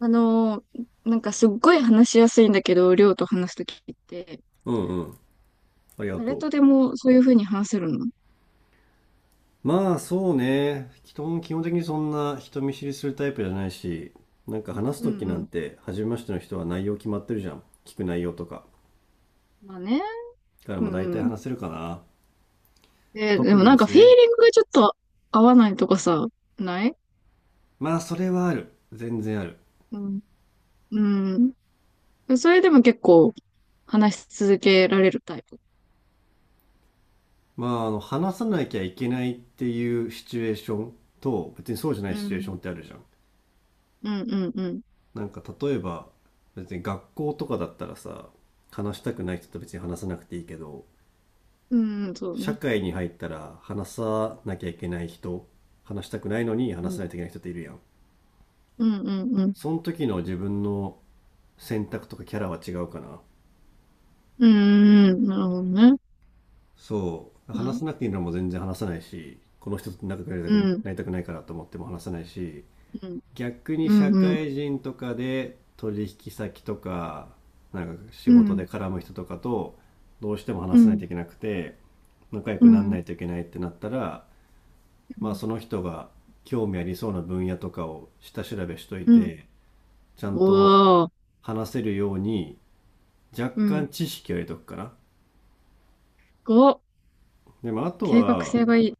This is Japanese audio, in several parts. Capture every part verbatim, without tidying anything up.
あのー、なんかすっごい話しやすいんだけど、りょうと話すときって、うんうん。ありが誰とう。とでもそういうふうに話せるの。まあそうね。基本、基本的にそんな人見知りするタイプじゃないし、なんか話すうとんきなうんん。て、初めましての人は内容決まってるじゃん。聞く内容とか。まあね。だからうまあん大体うん。話せるかな。で、で特も技なでんかすフィーね。リングがちょっと合わないとかさ、ない。まあそれはある。全然ある。うん。うん。それでも結構話し続けられるタイプ。まああの、話さなきゃいけないっていうシチュエーションと、別にそうじゃないうシチュエーシん。ョンってあるじゃん。うんうんうん。なんか例えば、別に学校とかだったらさ、話したくない人と別に話さなくていいけど、うんうん、そう社ね。会に入ったら話さなきゃいけない人、話したくないのにう話さん。ないといけない人っているやん。うんうんうん。その時の自分の選択とかキャラは違うかな。うんうんうん。なるほどね。そう。まあ、話さなくていいのも全然話さないし、この人と仲良くなりたうくん。なりたくないからと思っても話さないし、うん。逆にう社んうん。会人とかで取引先とか、なんか仕う事でん。絡む人とかとどうしてもう話さないん。といけなくて、仲良うくならなん。いといけないってなったら、うまあ、ん。その人が興味ありそうな分野とかを下調べしというん。て、ちゃんと5、話せるように若う干ん、知識を入れとくかな。5、でもあと計画は、性がいい。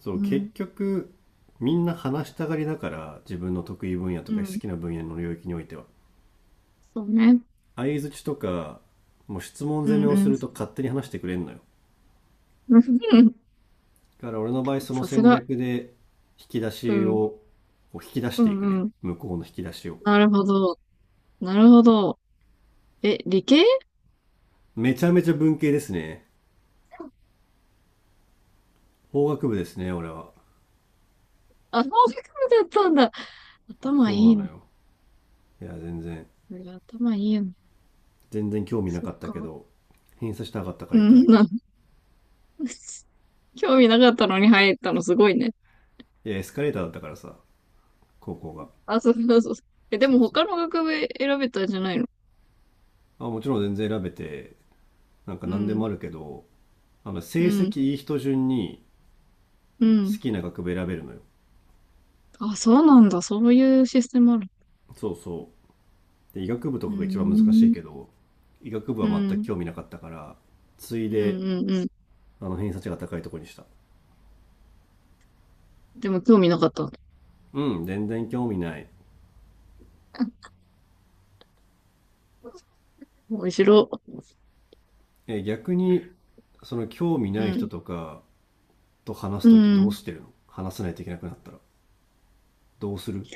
そう、う結ん、局みんな話したがりだから、自分の得意分野とうか好ん、きな分野の領域においては。そうね。相槌とか、もう質問う攻めん、をうすん。ると 勝手に話してくれんのよ。うん、だから俺の場合そのさす戦が。略で引き出うしん、を、こう引き出しうていん、くね。うん。向こうの引き出しを。なるほど。なるほど。え、理系。めちゃめちゃ文系ですね。法学部ですね、俺は。あ、法学部だったんだ。頭そいいうなのの。よ。いや、全然、そりゃ頭いいの。全然興味なそっかったけか。ど、偏差したかったかうら行ったん。だ け。な、興味なかったのに入ったのすごいね。いや、エスカレーターだったからさ、高校が。あ、そうそうそう。え、でそうもそう。他の学部選べたんじゃないの。あ、もちろん全然選べて、なんかう何でん、もあるけど、あの、成うん、績いい人順にう好ん。きな学部選べるのよ。あ、そうなんだ。そういうシステムある。そうそう。で、医学部とうかが一番難しいーん。けど、医学部うは全くん。興味なかったから、ついうん。で、うん。うん。あの、偏差値が高いとこにした。でも興味なかった。うん、全然興味ない。面白。え、逆に、その興味うない人ん。とか、と話うすときどうん。してるの？話さないといけなくなったら。どうする？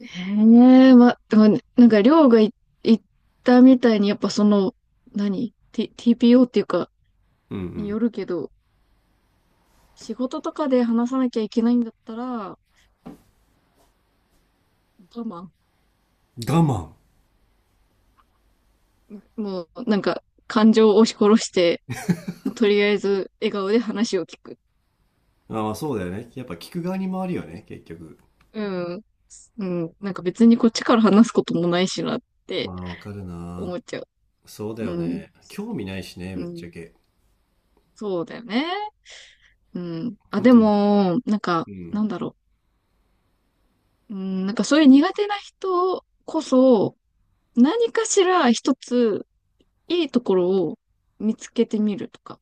へえ、ま、でもなんか、りょうがい言ったみたいに、やっぱその、何 ?T、ティーピーオー っていうか、うんうにん。よるけど、仕事とかで話さなきゃいけないんだったら、我慢。我慢。もう、なんか、感情を押し殺して、とりあえず笑顔で話を聞く。あ、まあそうだよね。やっぱ聞く側に回るようん。ね、結局。うん。うん、なんか別にこっちから話すこともないしなっまてあわかる思な。っちゃう。そうだうよん。ね。興味ないしね、うぶっん、ちゃけ。そうだよね。うん。あ、本で当に。も、なんか、うなん。んだろう。うん、なんかそういう苦手な人こそ、何かしら一ついいところを見つけてみるとか。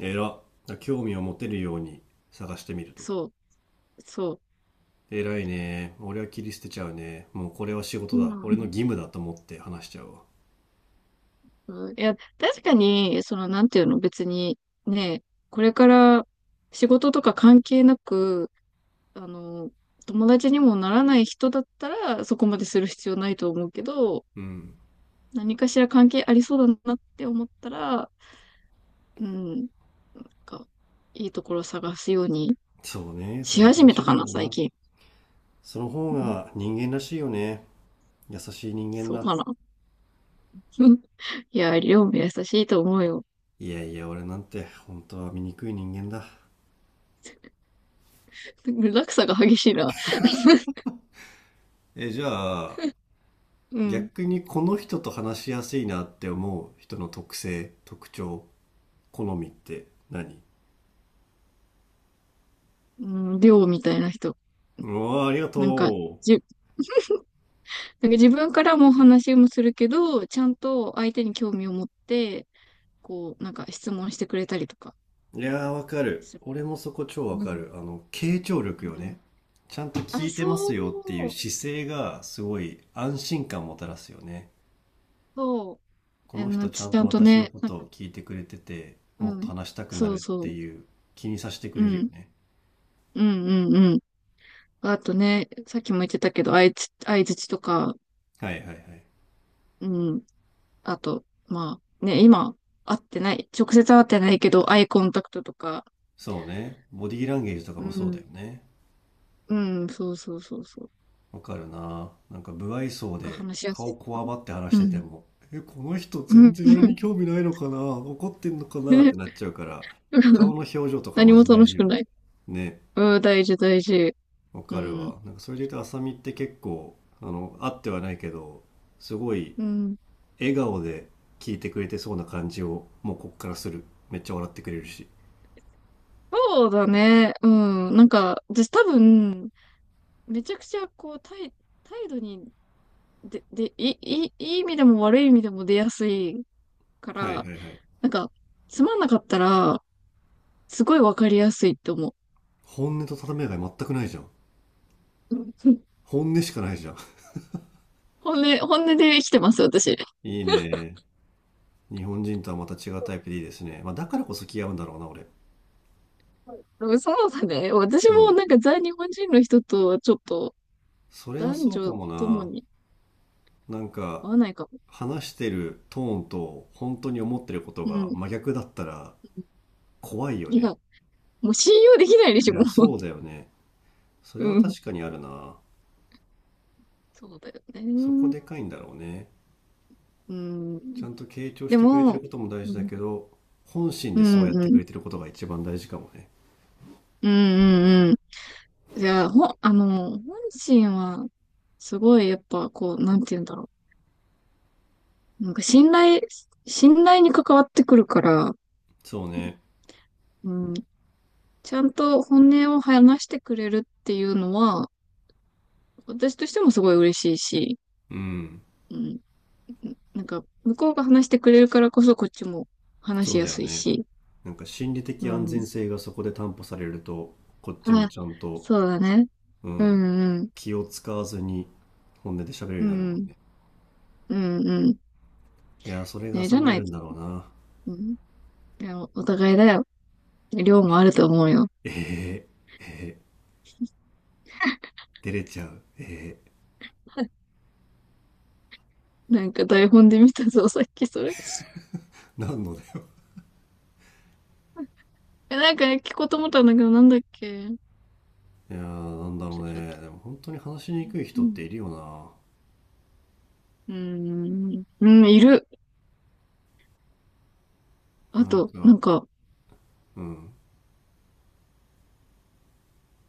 偉っ。興味を持てるように探してみると。そう、そ偉いね。俺は切り捨てちゃうね。もうこれは仕事う。うだ。俺のん。義務だと思って話しちゃうわ。うん、いや、確かに、その、なんていうの、別に、ね、これから仕事とか関係なく、あの、友達にもならない人だったら、そこまでする必要ないと思うけど、うん。何かしら関係ありそうだなって思ったら、うん。なんか、いいところ探すようにそうね。そしれが始正めしたいんかだろな、う最な。近。その方うん、が人間らしいよね。優しい人間そうだ。かな。うん、いや、りょうも優しいと思うよ。いやいや、俺なんて本当は醜い人間だ。落差が激しいな。え、じゃあ、うん。逆にこの人と話しやすいなって思う人の特性、特徴、好みって何？うん、りょうみたいな人。うわあ、ありがなんか、とじ、なんか自分からも話もするけど、ちゃんと相手に興味を持って、こう、なんか質問してくれたりとかう。いやー、わかる。する。俺もそこ超わうかる。ん。あの、傾聴う力よね。ん。ちゃんとあ、聞いてまそすよっていうう、姿勢がすごい安心感もたらすよね。そこう。あのの、人ちゃちんゃとんと私のね、こな、とを聞いてくれてて、もっうとん。話したくなそうるっそてう。いう気にさせてくうれるよん。ね。うんうんうん。あとね、さっきも言ってたけど、相づ、相槌とか、はいはいはい。うん。あと、まあ、ね、今、会ってない、直接会ってないけど、アイコンタクトとか、そうね。ボディーランゲージとかうもそうだん。よね。うん、そうそうそうそう。わかるな。なんか、無愛想がで話しやす顔いこかわばって話しな。うててん。も、え、この人う全ん。然俺に興味ないのかな、怒ってんのかなってなっちゃうから、顔 の表情とか何マもジ大楽し事よくね。ない。ね。うん、大事大事。わうかるん。わ。なんか、それで言うと、浅見って結構、あの、会ってはないけど、すごいうん。笑顔で聞いてくれてそうな感じを、もうこっからする。めっちゃ笑ってくれるし。そうだね。うん。なんか、私多分、めちゃくちゃ、こう、態、態度に、で、で、いい、いい意味でも悪い意味でも出やすいかはいら、はいはい。なんか、つまんなかったら、すごいわかりやすいって思う。本音と建前が全くないじゃん。本音しかないじゃん。本音、本音で生きてます、私。で いいね。日本人とはまた違うタイプでいいですね。まあ、だからこそ気が合うんだろうな、俺。もそうだね。私もそう。なんか在日本人の人とはちょっとそれは男そうか女もともな。になんか、合わないかも。話してるトーンと本当に思ってることうがん。真逆だったら怖いよいや、ね。もう信用できないでいしょ、もや、そうだよね。そう。れはうん。確かにあるな。そうだよそこね。でかいんだろうね。うちん。ゃんと傾聴しでてくれてるも、ことも大う事だん、けど、本心うでそうやっん、てうくん、れてることが一番大事かもね。うん、うん。じゃあ、ほん、あの、本心は、すごい、やっぱ、こう、なんて言うんだろう。なんか信頼、信頼に関わってくるから、そうね。うん、ちゃんと本音を話してくれるっていうのは、私としてもすごい嬉しいし、うん。うん、なんか、向こうが話してくれるからこそこっちも話しそうやだよすいね。し、なんか心理う的安ん。全性がそこで担保されると、こっちもあ、ちゃんと、そうだね。ううん、んうん。気を使わずに本音で喋るよううになるもんん。ね。うんうん。いやー、それがね、浅じゃみあないるんと、だろうな。うん。いや、お互いだよ。量もあると思うよ。えー、えー、照れちゃう。えなんか台本で見たぞ、さっきそれ。ー、なんのだよ？え、なんかね、聞こうと思ったんだけど、なんだっけ。いやー、なんだろちうょ、っね。とでも本当に話しにくいう人ってん。いるようーん、うん、いる。あな。なんと、なかんか、うん。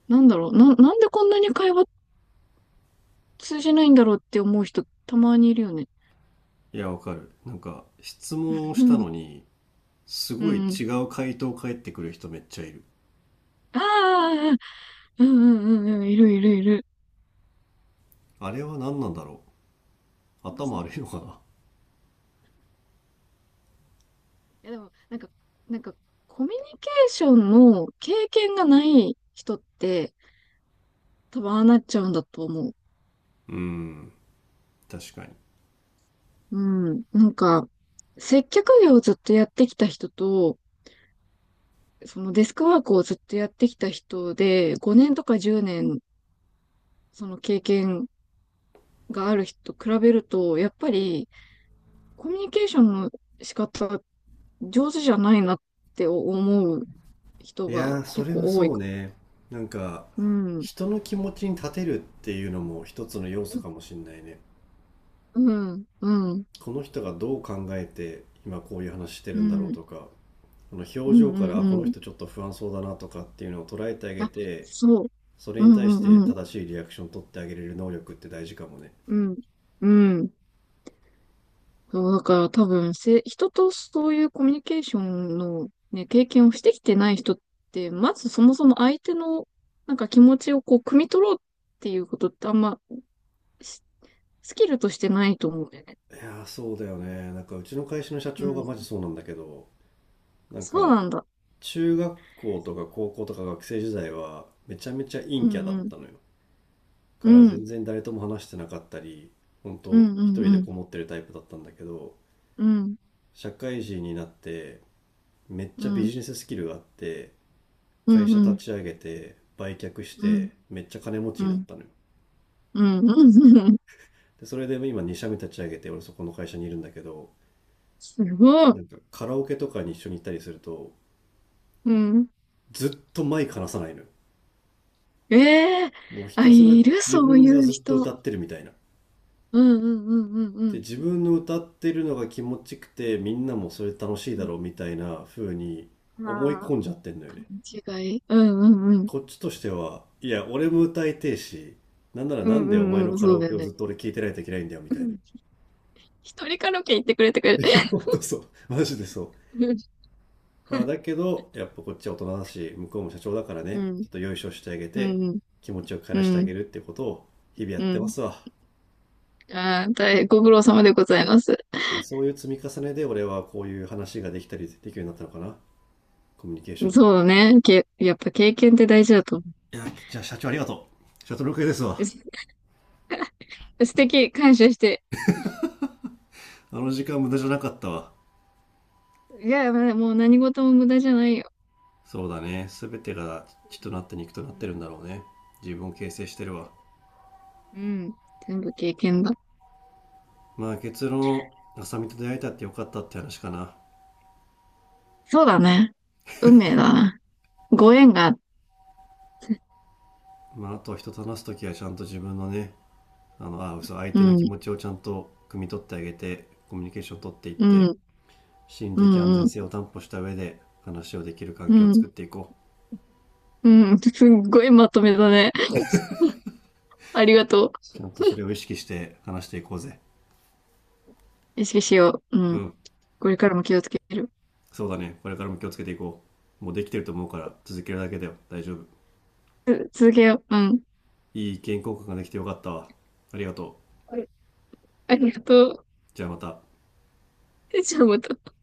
なんだろう、な、なんでこんなに会話通じないんだろうって思う人、たまにいるよね。いや、わかる。なんか質問を しうたんのにすうごいん。違う回答返ってくる人めっちゃいる。ああ、うんうんうんうん、いるいるいる。あれは何なんだろう？頭そう、い悪いのかな？やでも、なんか、なんか、コミュニケーションの経験がない人って、多分ああなっちゃうんだと思う。うん、確かに。うん。なんか、接客業をずっとやってきた人と、そのデスクワークをずっとやってきた人で、ごねんとか10うねん年その経験がある人と比べると、やっぱりコミュニケーションの仕方上手じゃないなって思う人いがやー、そ結れは構多いそうか。ね。なんか、うん。人の気持ちに立てるっていうのも一つの要素かもしんないね。うん。うん。うん。この人がどう考えて今こういう話してうるんだろうん。とか、このう表情から、ん。あ、このうん。人ちょっと不安そうだなとかっていうのを捉えてあげあ、て、そう。それうにん対しうてんうん。正しいリアクションを取ってあげれる能力って大事かもね。うん。うん。そう、だから多分せ、人とそういうコミュニケーションのね、経験をしてきてない人って、まずそもそも相手のなんか気持ちをこう、汲み取ろうっていうことってあんまスキルとしてないと思うんだよね。いやー、そうだよね。なんかうちの会社の社う長がマジん。そうなんだけど、なんそうかなんだ。中学校とか高校とか学生時代はめちゃめちゃう陰キャだっんうん。たのよ。かうら全ん。然誰とも話してなかったり、本う当んう一ん人でうん。こもってるタイプだったんだけど、うん。社会人になってめっうちゃビん。ジネススキルがあって、う会ん社う立ん。ち上げて、売却しうん。て、めっちゃ金持ちうになっん。たのよ。うん。うんうん。で、それで今に社目立ち上げて、俺そこの会社にいるんだけど、すごい。なんかカラオケとかに一緒に行ったりすると、うん。ずっとマイク離さないのよ。ええ、もうひあ、たすらいる自そう分いがうずっと人。歌ってるみたいな。うんうんうんうんうでん。自分の歌ってるのが気持ちよくてみんなもそれ楽しいうだん。ろうみたいな風に思いああ、込んじゃってんのよね。勘違い。うんうんうん。こっちとしてはいや俺も歌いてえし、なんならうなんんうでお前んのうん。カラそうオだケよをずね。っと俺聞いてないといけないんだよみうたいん、一人カラオケ行ってくれてくれ。な。本当そう、マジでそう。うん。まあだけどやっぱこっちは大人だし向こうも社長だからうね、ん。ちょっとよいしょしてあげうてん。気持ちを帰うらしてあげん。るってことを日々やっうてまん。すわ。ああ、大変ご苦労様でございます。いや、そういう積み重ねで俺はこういう話ができたりできるようになったのかな、コミュニケーションが。そうね。け、やっぱ経験って大事だと思いや、じゃあ社長ありがとうシャトル系ですう。わ。す素敵、感謝して。あの時間無駄じゃなかったわ。いや、まあもう何事も無駄じゃないよ。そうだね。すべてが血となって肉となっうてるん。んだろうね。自分を形成してそるうだわ。よ。うん。全部経験だ。まあ結論、浅見と出会えたってよかったって話かな。そうだね。運命だな。ご縁が、まああとは人と話すときはちゃんと自分のね、あの、あ、嘘、相う手の気ん、持ちをちゃんと汲み取ってあげて、コミュニケーション取っていっうて、ん、心う理的安ん、う全ん、性を担保した上で話をできる環う境をん、作っていこう。うん。すっごいまとめだね。ありがとちゃんとそれを意識して話していこうぜ。う。意識しよう。ううん。ん。これからも気をつける。そうだね。これからも気をつけていこう。もうできてると思うから続けるだけだよ。大丈夫。続けよう。うん。いい意見交換ができてよかったわ。ありがとう。ありがとじゃあまた。う。じゃあまた。